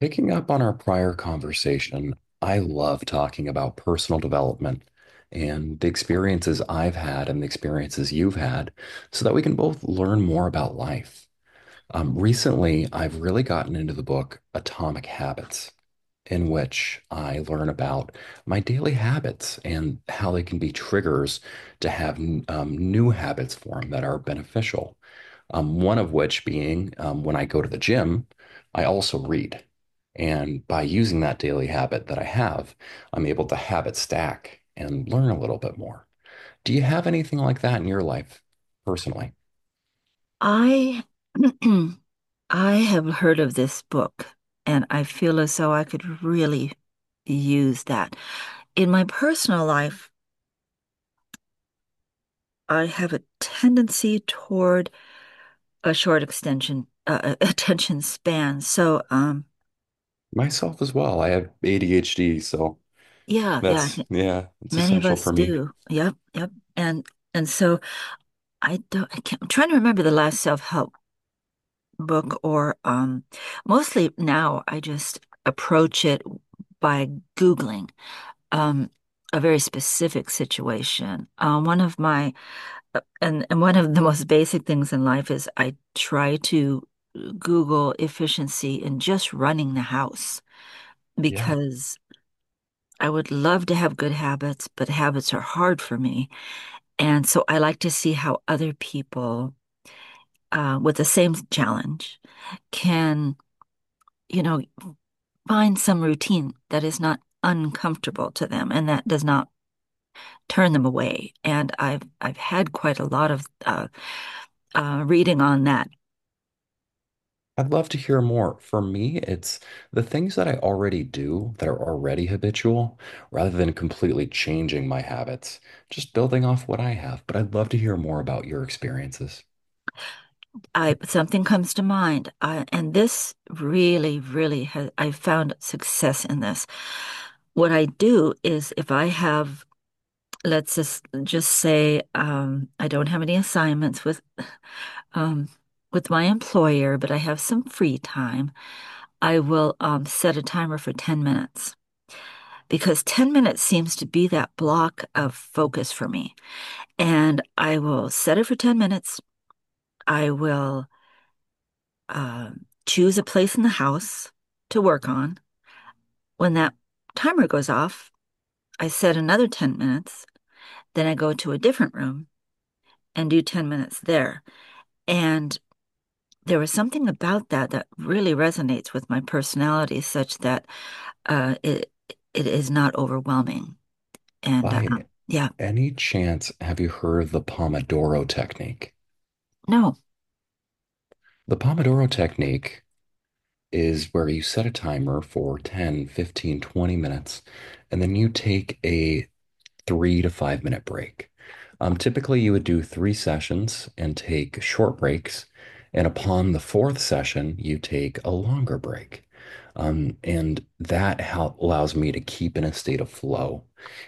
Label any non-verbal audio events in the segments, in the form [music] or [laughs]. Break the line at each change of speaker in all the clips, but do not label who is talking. Picking up on our prior conversation, I love talking about personal development and the experiences I've had and the experiences you've had so that we can both learn more about life. Recently, I've really gotten into the book Atomic Habits, in which I learn about my daily habits and how they can be triggers to have new habits form that are beneficial. One of which being when I go to the gym, I also read. And by using that daily habit that I have, I'm able to habit stack and learn a little bit more. Do you have anything like that in your life personally?
I [clears throat] I have heard of this book, and I feel as though I could really use that. In my personal life, I have a tendency toward a short extension [laughs] attention span. So,
Myself as well. I have ADHD, so
yeah, yeah,
that's, yeah, it's
many of
essential
us
for me.
do. Yep, yep. And and so I don't I can't, I'm trying to remember the last self-help book or mostly now I just approach it by Googling. um, a very specific situation. One of my and One of the most basic things in life is I try to Google efficiency in just running the house,
Yeah.
because I would love to have good habits, but habits are hard for me. And so I like to see how other people with the same challenge can, you know, find some routine that is not uncomfortable to them and that does not turn them away. And I've had quite a lot of reading on that.
I'd love to hear more. For me, it's the things that I already do that are already habitual rather than completely changing my habits, just building off what I have. But I'd love to hear more about your experiences.
I Something comes to mind, and this really, really has I've found success in this. What I do is if I have, let's just say I don't have any assignments um, with my employer, but I have some free time. I will set a timer for 10 minutes, because 10 minutes seems to be that block of focus for me. And I will set it for 10 minutes. I will uh, choose a place in the house to work on. When that timer goes off, I set another 10 minutes. Then I go to a different room and do 10 minutes there. And there was something about that that really resonates with my personality, such that uh, it it is not overwhelming. And
By
yeah,
any chance, have you heard of the Pomodoro technique?
no.
The Pomodoro technique is where you set a timer for 10, 15, 20 minutes, and then you take a 3 to 5 minute break. Typically, you would do three sessions and take short breaks. And upon the fourth session, you take a longer break. And that allows me to keep in a state of flow.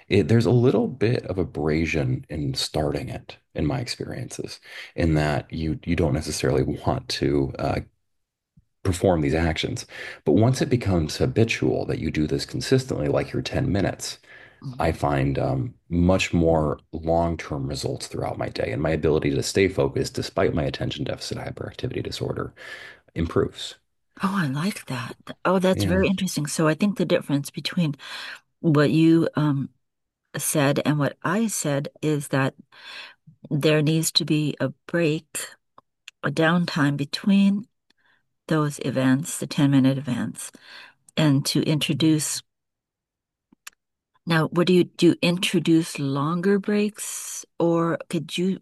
It, there's a little bit of abrasion in starting it, in my experiences, in that you don't necessarily [laughs] want to perform these actions. But once it becomes habitual that you do this consistently, like your 10 minutes,
Mm.
I find much more long-term results throughout my day, and my ability to stay focused despite my attention deficit hyperactivity disorder improves.
Oh, I like that. Oh, that's
Yeah.
very interesting. So I think the difference between what you said and what I said is that there needs to be a break, a downtime between those events, the 10-minute events, and to introduce. Now, what do? You introduce longer breaks, or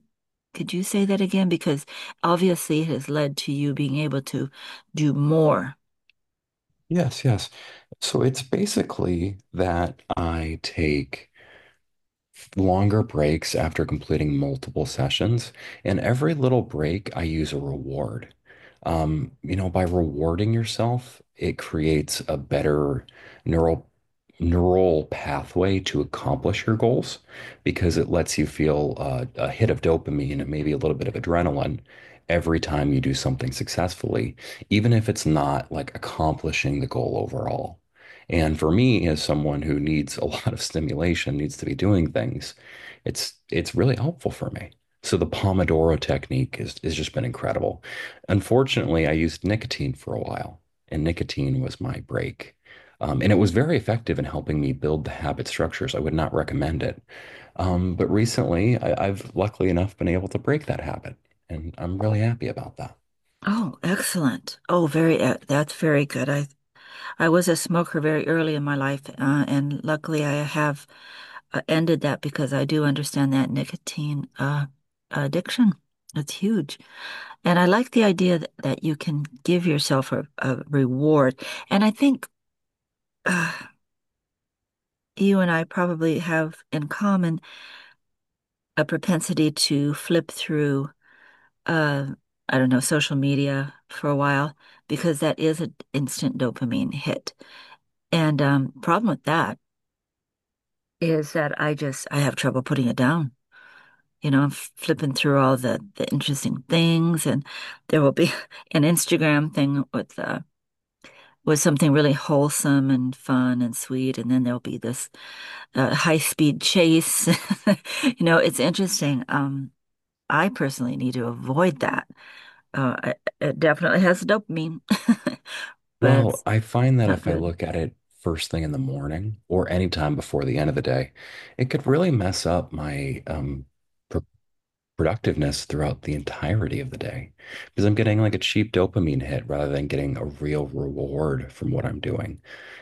could you say that again? Because obviously it has led to you being able to do more.
Yes, yes. So it's basically that I take longer breaks after completing multiple sessions. And every little break, I use a reward. By rewarding yourself, it creates a better neural neural pathway to accomplish your goals because it lets you feel a hit of dopamine and maybe a little bit of adrenaline every time you do something successfully, even if it's not like accomplishing the goal overall. And for me, as someone who needs a [laughs] lot of stimulation, needs to be doing things, it's really helpful for me. So the Pomodoro technique is has just been incredible. Unfortunately, I used nicotine for a while, and nicotine was my break. And it was very effective in helping me build the habit structures. I would not recommend it. But recently, I've luckily enough been able to break that habit, and I'm really happy about that.
Oh, excellent. Oh, very, e- that's very good. I was a smoker very early in my life, and luckily I have ended that because I do understand that nicotine addiction. It's huge. And I like the idea that, that you can give yourself a reward. And I think uh, you and I probably have in common a propensity to flip through, uh, I don't know, social media for a while, because that is an instant dopamine hit. And problem with that is that I just I have trouble putting it down. You know, I'm flipping through all the interesting things, and there will be [laughs] an Instagram thing with something really wholesome and fun and sweet, and then there'll be this high speed chase. [laughs] You know, it's interesting. I personally need to avoid that. It definitely has dopamine, [laughs] but
Well,
it's
I find that
not
if I
good.
look at it first thing in the morning or any time before the end of the day, it could really mess up my productiveness throughout the entirety of the day because I'm getting like a cheap dopamine hit rather than getting a real reward from what I'm doing,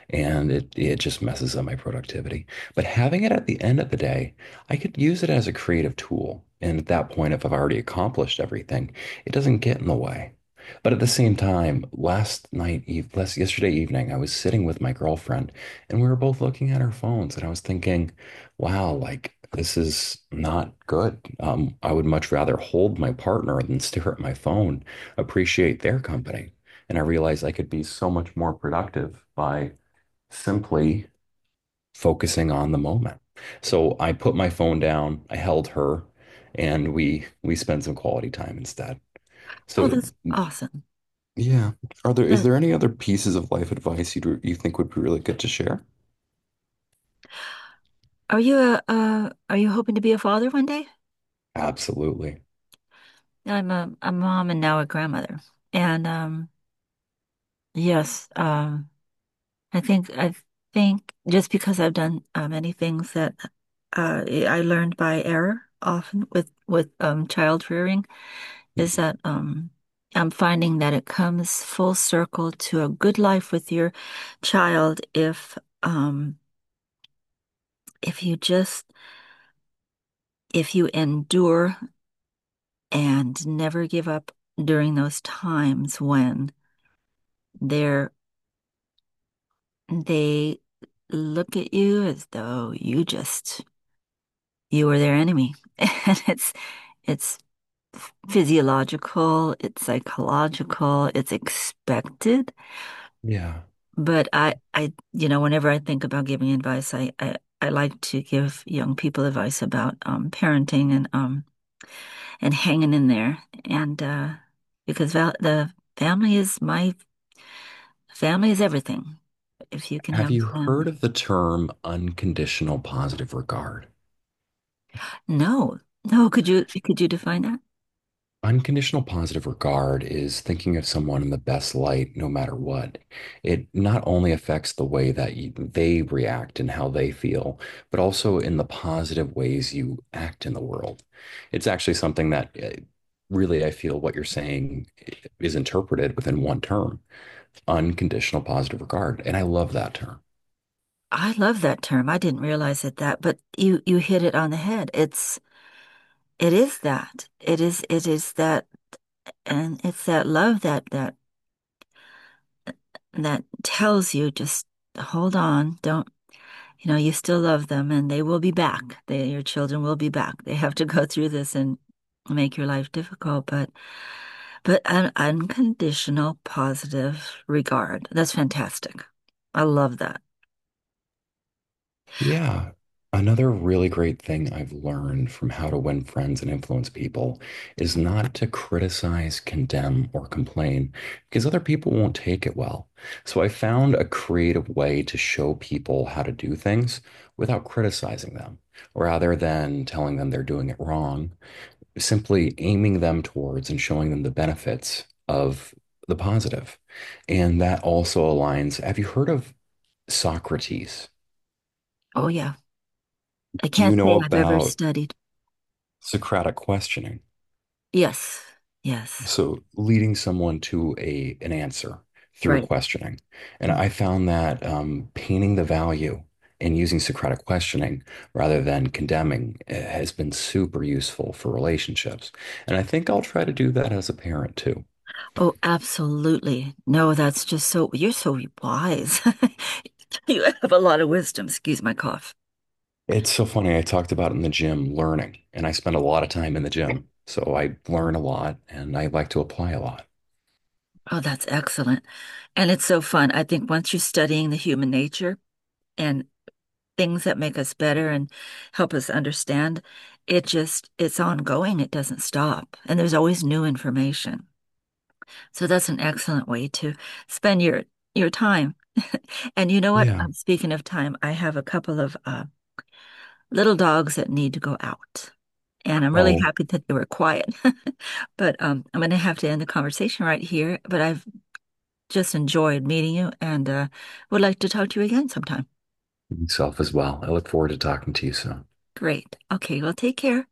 and it just messes up my productivity. But having it at the end of the day, I could use it as a creative tool. And at that point, if I've already accomplished everything, it doesn't get in the way. But at the same time, last yesterday evening, I was sitting with my girlfriend and we were both looking at our phones and I was thinking, wow, like this is not good. I would much rather hold my partner than stare at my phone, appreciate their company. And I realized I could be so much more productive by simply focusing on the moment. So I put my phone down, I held her, and we spent some quality time instead.
Oh,
So
that's awesome.
yeah, are there is
That
there any other pieces of life advice you think would be really good to share?
Are you a are you hoping to be a father one day?
Absolutely.
I'm a mom and now a grandmother. And yes, I think just because I've done many things that I learned by error often with child rearing is that I'm finding that it comes full circle to a good life with your child um, if you just if you endure and never give up during those times when they're they look at you as though you just you are their enemy. [laughs] And it's physiological, it's psychological, it's expected.
Yeah.
But I you know, whenever I think about giving advice, I like to give young people advice about parenting and hanging in there and because val the family is my family is everything if you can
Have
have
you heard of
family.
the term unconditional positive regard?
No. No, could you define that?
Unconditional positive regard is thinking of someone in the best light, no matter what. It not only affects the way that they react and how they feel, but also in the positive ways you act in the world. It's actually something that really I feel what you're saying is interpreted within one term, unconditional positive regard. And I love that term.
I love that term. I didn't realize it that, but you hit it on the head. It is that. It is that, and it's that love that tells you just hold on, don't, you know, you still love them, and they will be back. They Your children will be back. They have to go through this and make your life difficult, but an unconditional positive regard. That's fantastic. I love that.
Yeah. Another really great thing I've learned from how to win friends and influence people is not to criticize, condemn, or complain because other people won't take it well. So I found a creative way to show people how to do things without criticizing them, rather than telling them they're doing it wrong, simply aiming them towards and showing them the benefits of the positive. And that also aligns. Have you heard of Socrates?
Oh, yeah. I
Do you
can't
know
say I've ever
about
studied.
Socratic questioning?
Yes. Yes.
So leading someone to a an answer through
Right.
questioning. And
Mm.
I found that painting the value and using Socratic questioning rather than condemning has been super useful for relationships. And I think I'll try to do that as a parent too.
Oh, absolutely. No, that's just so, you're so wise. [laughs] You have a lot of wisdom. Excuse my cough.
It's so funny. I talked about in the gym learning, and I spend a lot of time in the gym. So I learn a lot and I like to apply a lot.
Oh, that's excellent. And it's so fun. I think once you're studying the human nature and things that make us better and help us understand. It just, it's ongoing. It doesn't stop. And there's always new information. So that's an excellent way to spend your time. [laughs] And you know what?
Yeah.
Speaking of time, I have a couple of little dogs that need to go out. And I'm really
Oh,
happy that they were quiet. [laughs] But I'm going to have to end the conversation right here. But I've just enjoyed meeting you, and would like to talk to you again sometime.
myself as well. I look forward to talking to you soon.
Great. Okay, well, take care.